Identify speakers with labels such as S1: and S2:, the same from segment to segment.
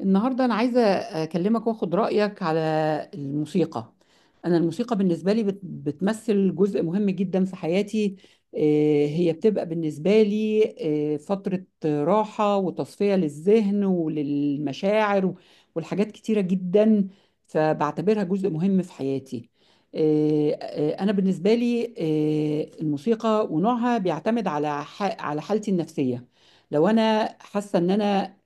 S1: النهاردة أنا عايزة أكلمك وأخد رأيك على الموسيقى. أنا الموسيقى بالنسبة لي بتمثل جزء مهم جدا في حياتي. هي بتبقى بالنسبة لي فترة راحة وتصفية للذهن وللمشاعر والحاجات كتيرة جدا، فبعتبرها جزء مهم في حياتي. أنا بالنسبة لي الموسيقى ونوعها بيعتمد على على حالتي النفسية. لو أنا حاسة إن أنا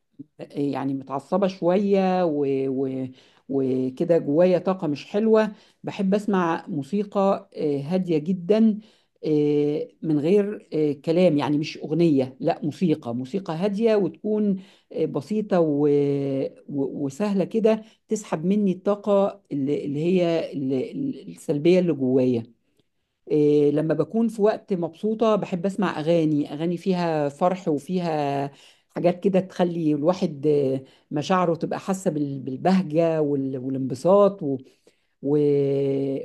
S1: يعني متعصبة شوية وكده جوايا طاقة مش حلوة، بحب أسمع موسيقى هادية جدا، من غير كلام، يعني مش أغنية، لا، موسيقى، موسيقى هادية وتكون بسيطة وسهلة كده، تسحب مني الطاقة اللي هي السلبية اللي جوايا. إيه، لما بكون في وقت مبسوطة بحب أسمع أغاني، أغاني فيها فرح وفيها حاجات كده تخلي الواحد مشاعره تبقى حاسة بالبهجة والانبساط و...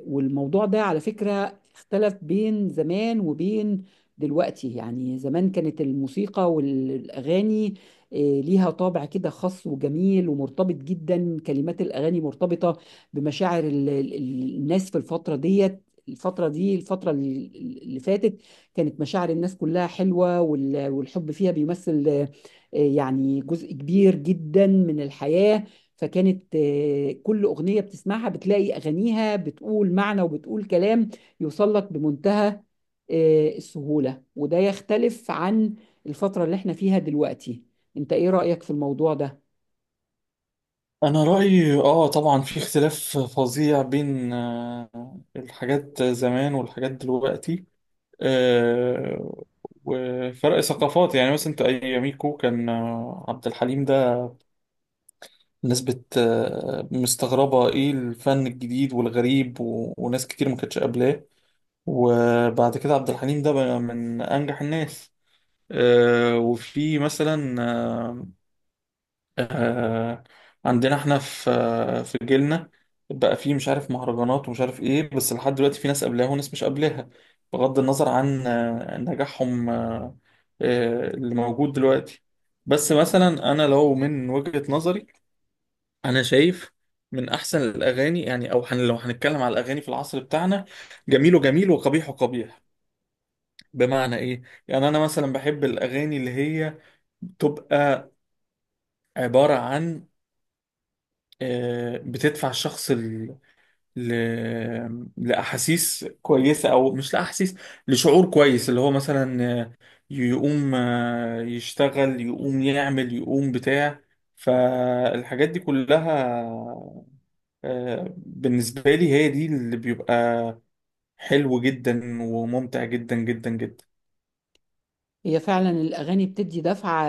S1: والموضوع ده على فكرة اختلف بين زمان وبين دلوقتي. يعني زمان كانت الموسيقى والأغاني ليها طابع كده خاص وجميل ومرتبط جدا، كلمات الأغاني مرتبطة بمشاعر الناس في الفترة ديت. الفترة دي، الفترة اللي فاتت، كانت مشاعر الناس كلها حلوة، والحب فيها بيمثل يعني جزء كبير جدا من الحياة. فكانت كل أغنية بتسمعها بتلاقي أغانيها بتقول معنى وبتقول كلام يوصل لك بمنتهى السهولة، وده يختلف عن الفترة اللي احنا فيها دلوقتي. انت ايه رأيك في الموضوع ده؟
S2: انا رايي طبعا في اختلاف فظيع بين الحاجات زمان والحاجات دلوقتي. آه، وفرق ثقافات، يعني مثلا انت اياميكو كان عبد الحليم ده الناس بت آه، مستغربه ايه الفن الجديد والغريب وناس كتير ما كانتش قابلاه. وبعد كده عبد الحليم ده بقى من انجح الناس. وفي مثلا آه عندنا احنا في جيلنا بقى فيه مش عارف مهرجانات ومش عارف ايه، بس لحد دلوقتي في ناس قبلها وناس مش قبلها بغض النظر عن نجاحهم، اللي موجود دلوقتي. بس مثلا انا لو من وجهة نظري، انا شايف من احسن الاغاني، يعني او لو هنتكلم على الاغاني في العصر بتاعنا، جميله جميل وقبيحه قبيح. بمعنى ايه؟ يعني انا مثلا بحب الاغاني اللي هي بتبقى عبارة عن بتدفع الشخص ل... لأحاسيس كويسة، أو مش لأحاسيس، لشعور كويس، اللي هو مثلا يقوم يشتغل، يقوم يعمل، يقوم بتاع. فالحاجات دي كلها بالنسبة لي هي دي اللي بيبقى حلو جدا وممتع جدا جدا جدا.
S1: هي فعلا الأغاني بتدي دفعة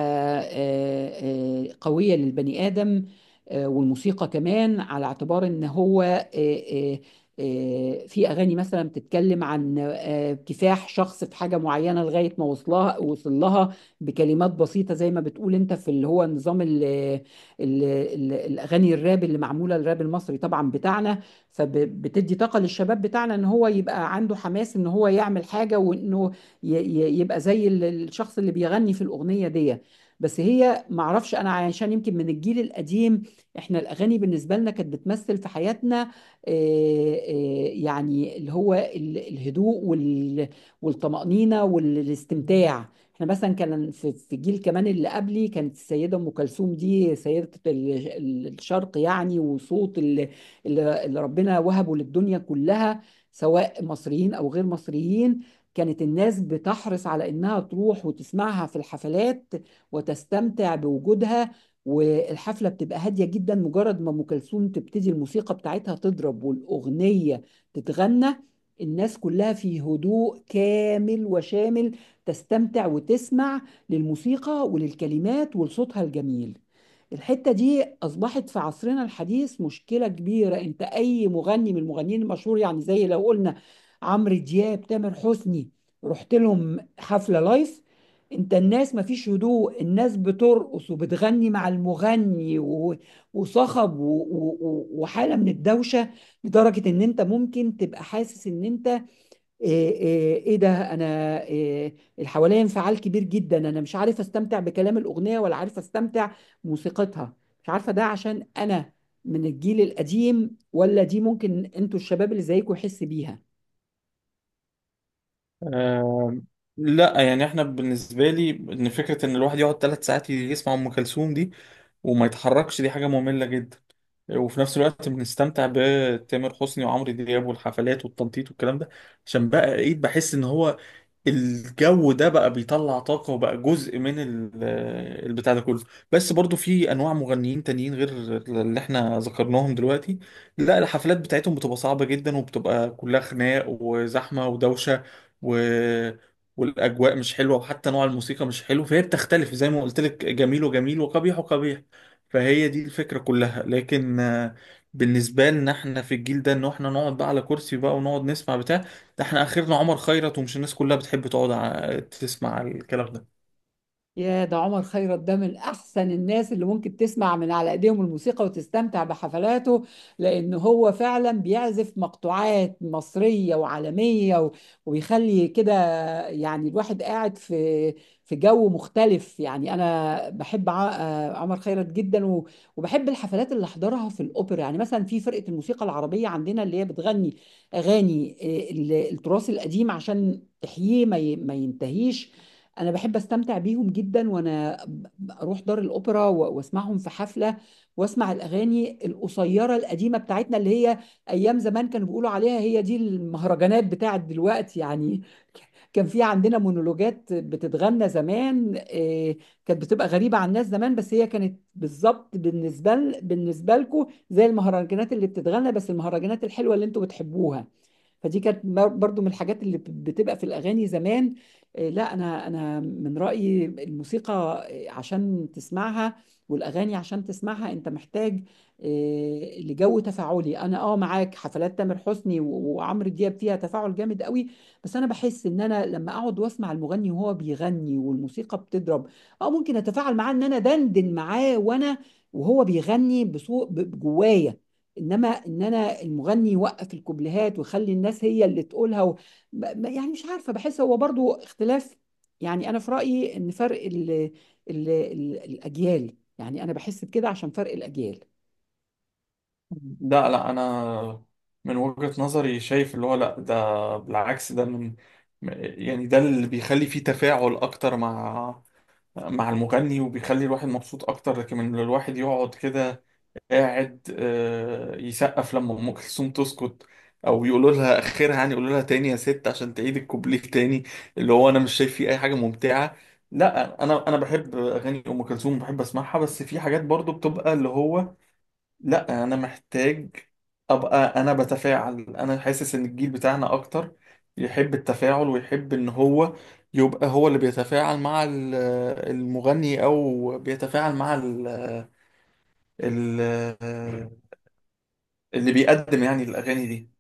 S1: قوية للبني آدم، والموسيقى كمان، على اعتبار إن هو في أغاني مثلا بتتكلم عن كفاح شخص في حاجة معينة لغاية ما وصلها وصل لها بكلمات بسيطة، زي ما بتقول أنت، في اللي هو نظام ال ال ال الأغاني الراب، اللي معمولة الراب المصري طبعا بتاعنا، فبتدي طاقة للشباب بتاعنا إن هو يبقى عنده حماس إن هو يعمل حاجة، وإنه يبقى زي الشخص اللي بيغني في الأغنية دي. بس هي معرفش، أنا عشان يمكن من الجيل القديم، إحنا الأغاني بالنسبة لنا كانت بتمثل في حياتنا يعني اللي هو الهدوء والطمأنينة والاستمتاع. احنا مثلا كان في الجيل كمان اللي قبلي كانت السيده ام كلثوم دي سيده الشرق يعني، وصوت اللي اللي ربنا وهبه للدنيا كلها، سواء مصريين او غير مصريين. كانت الناس بتحرص على إنها تروح وتسمعها في الحفلات وتستمتع بوجودها، والحفلة بتبقى هادية جدا. مجرد ما أم كلثوم تبتدي الموسيقى بتاعتها تضرب والأغنية تتغنى، الناس كلها في هدوء كامل وشامل تستمتع وتسمع للموسيقى وللكلمات ولصوتها الجميل. الحتة دي أصبحت في عصرنا الحديث مشكلة كبيرة. أنت أي مغني من المغنيين المشهور، يعني زي لو قلنا عمرو دياب، تامر حسني، رحت لهم حفله لايف، انت الناس مفيش هدوء، الناس بترقص وبتغني مع المغني، وصخب وحاله من الدوشه، لدرجه ان انت ممكن تبقى حاسس ان انت ايه, ايه, ايه ده، انا ايه الحوالي، انفعال كبير جدا، انا مش عارف استمتع بكلام الاغنيه ولا عارف استمتع بموسيقتها. مش عارفه ده عشان انا من الجيل القديم، ولا دي ممكن انتوا الشباب اللي زيكم يحس بيها.
S2: آم، لا، يعني احنا بالنسبة لي ان فكرة ان الواحد يقعد 3 ساعات يسمع ام كلثوم دي وما يتحركش دي حاجة مملة جدا. وفي نفس الوقت بنستمتع بتامر حسني وعمرو دياب والحفلات والتنطيط والكلام ده، عشان بقى ايه، بحس ان هو الجو ده بقى بيطلع طاقة وبقى جزء من البتاع ده كله. بس برضو في انواع مغنيين تانيين غير اللي احنا ذكرناهم دلوقتي. لا، الحفلات بتاعتهم بتبقى صعبة جدا، وبتبقى كلها خناق وزحمة ودوشة و... والاجواء مش حلوه، وحتى نوع الموسيقى مش حلو، فهي بتختلف زي ما قلت لك، جميل وجميل وقبيح وقبيح. فهي دي الفكره كلها، لكن بالنسبه لنا احنا في الجيل ده ان احنا نقعد بقى على كرسي بقى ونقعد نسمع بتاع. ده احنا اخرنا عمر خيرت، ومش الناس كلها بتحب تقعد تسمع الكلام ده.
S1: يا ده عمر خيرت ده من احسن الناس اللي ممكن تسمع من على ايديهم الموسيقى وتستمتع بحفلاته، لان هو فعلا بيعزف مقطوعات مصرية وعالمية، وبيخلي كده يعني الواحد قاعد في في جو مختلف. يعني انا بحب عمر خيرت جدا، وبحب الحفلات اللي احضرها في الاوبرا، يعني مثلا في فرقة الموسيقى العربية عندنا اللي هي بتغني اغاني التراث القديم عشان تحييه ما ينتهيش. انا بحب استمتع بيهم جدا، وانا اروح دار الاوبرا واسمعهم في حفله، واسمع الاغاني القصيره القديمه بتاعتنا، اللي هي ايام زمان كانوا بيقولوا عليها، هي دي المهرجانات بتاعت دلوقتي يعني. كان في عندنا مونولوجات بتتغنى زمان، كانت بتبقى غريبه عن الناس زمان، بس هي كانت بالظبط بالنسبه لكم زي المهرجانات اللي بتتغنى، بس المهرجانات الحلوه اللي انتوا بتحبوها. فدي كانت برضو من الحاجات اللي بتبقى في الأغاني زمان. لا، أنا من رأيي الموسيقى عشان تسمعها، والأغاني عشان تسمعها، أنت محتاج لجو تفاعلي. أنا أه معاك، حفلات تامر حسني وعمرو دياب فيها تفاعل جامد قوي. بس أنا بحس إن أنا لما أقعد وأسمع المغني وهو بيغني والموسيقى بتضرب، أه ممكن أتفاعل معاه إن أنا دندن معاه وأنا وهو بيغني بصوت جوايا. انما ان انا المغني يوقف الكوبليهات ويخلي الناس هي اللي تقولها و... ما- ما- يعني مش عارفه، بحس هو برضو اختلاف. يعني انا في رايي ان فرق الاجيال، يعني انا بحس بكده عشان فرق الاجيال.
S2: لا لا، انا من وجهة نظري شايف اللي هو، لا ده بالعكس، ده من، يعني ده اللي بيخلي فيه تفاعل اكتر مع المغني وبيخلي الواحد مبسوط اكتر. لكن من الواحد يقعد كده قاعد يسقف لما ام كلثوم تسكت، او يقولوا لها اخرها، يعني يقولوا لها تاني يا ست عشان تعيد الكوبليه تاني، اللي هو انا مش شايف فيه اي حاجه ممتعه. لا، انا بحب اغاني ام كلثوم، بحب اسمعها، بس في حاجات برضو بتبقى اللي هو، لا انا محتاج ابقى، انا بتفاعل، انا حاسس ان الجيل بتاعنا اكتر يحب التفاعل ويحب ان هو يبقى هو اللي بيتفاعل مع المغني، او بيتفاعل مع ال ال اللي بيقدم يعني الاغاني دي.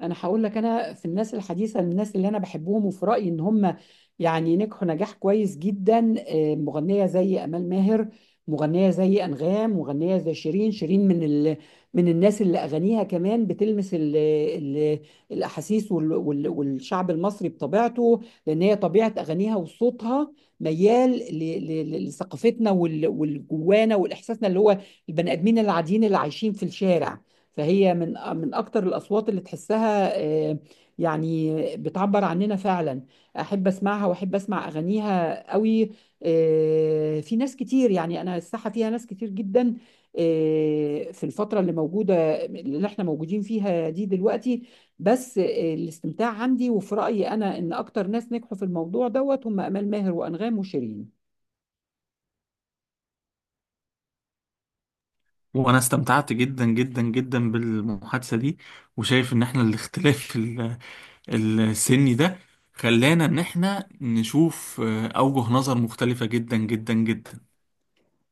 S1: انا هقول لك، انا في الناس الحديثه من الناس اللي انا بحبهم وفي رايي ان هم يعني نجحوا نجاح كويس جدا، مغنيه زي امال ماهر، مغنيه زي انغام، مغنيه زي شيرين. شيرين من الناس اللي اغانيها كمان بتلمس الاحاسيس والشعب المصري بطبيعته، لان هي طبيعه اغانيها وصوتها ميال لثقافتنا والجوانا والاحساسنا، اللي هو البني ادمين العاديين اللي عايشين في الشارع. فهي من من اكتر الاصوات اللي تحسها آه، يعني بتعبر عننا فعلا، احب اسمعها واحب اسمع اغانيها قوي. في ناس كتير، يعني انا الساحه فيها ناس كتير جدا في الفتره اللي موجوده اللي احنا موجودين فيها دي دلوقتي، بس الاستمتاع عندي وفي رايي انا ان اكتر ناس نجحوا في الموضوع دوت هم امال ماهر وانغام وشيرين.
S2: وانا استمتعت جدا جدا جدا بالمحادثه دي، وشايف ان احنا الاختلاف السني ده خلانا ان احنا نشوف اوجه نظر مختلفه جدا جدا جدا.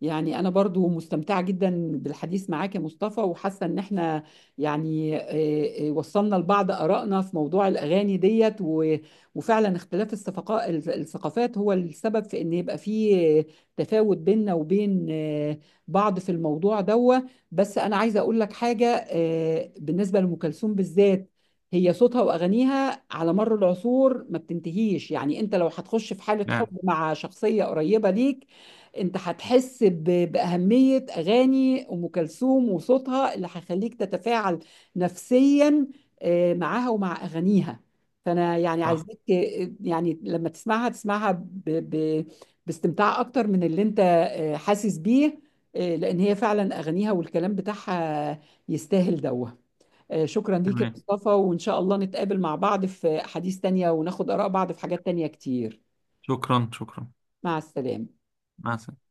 S1: يعني أنا برضو مستمتعة جدا بالحديث معاك يا مصطفى، وحاسة إن إحنا يعني وصلنا لبعض آرائنا في موضوع الأغاني ديت، وفعلا اختلاف الثقافات هو السبب في إن يبقى فيه تفاوت بيننا وبين بعض في الموضوع ده. بس أنا عايزة أقول لك حاجة بالنسبة لأم كلثوم بالذات، هي صوتها وأغانيها على مر العصور ما بتنتهيش. يعني أنت لو هتخش في حالة
S2: نعم.
S1: حب مع شخصية قريبة ليك، انت هتحس بأهمية أغاني أم كلثوم وصوتها، اللي هيخليك تتفاعل نفسيا معاها ومع أغانيها. فأنا يعني
S2: صح.
S1: عايزاك يعني لما تسمعها تسمعها باستمتاع أكتر من اللي انت حاسس بيه، لأن هي فعلا أغانيها والكلام بتاعها يستاهل دوه. شكرا ليك يا
S2: تمام.
S1: مصطفى، وإن شاء الله نتقابل مع بعض في أحاديث تانية وناخد آراء بعض في حاجات تانية كتير.
S2: شكرا شكرا.
S1: مع السلامة.
S2: مع السلامة.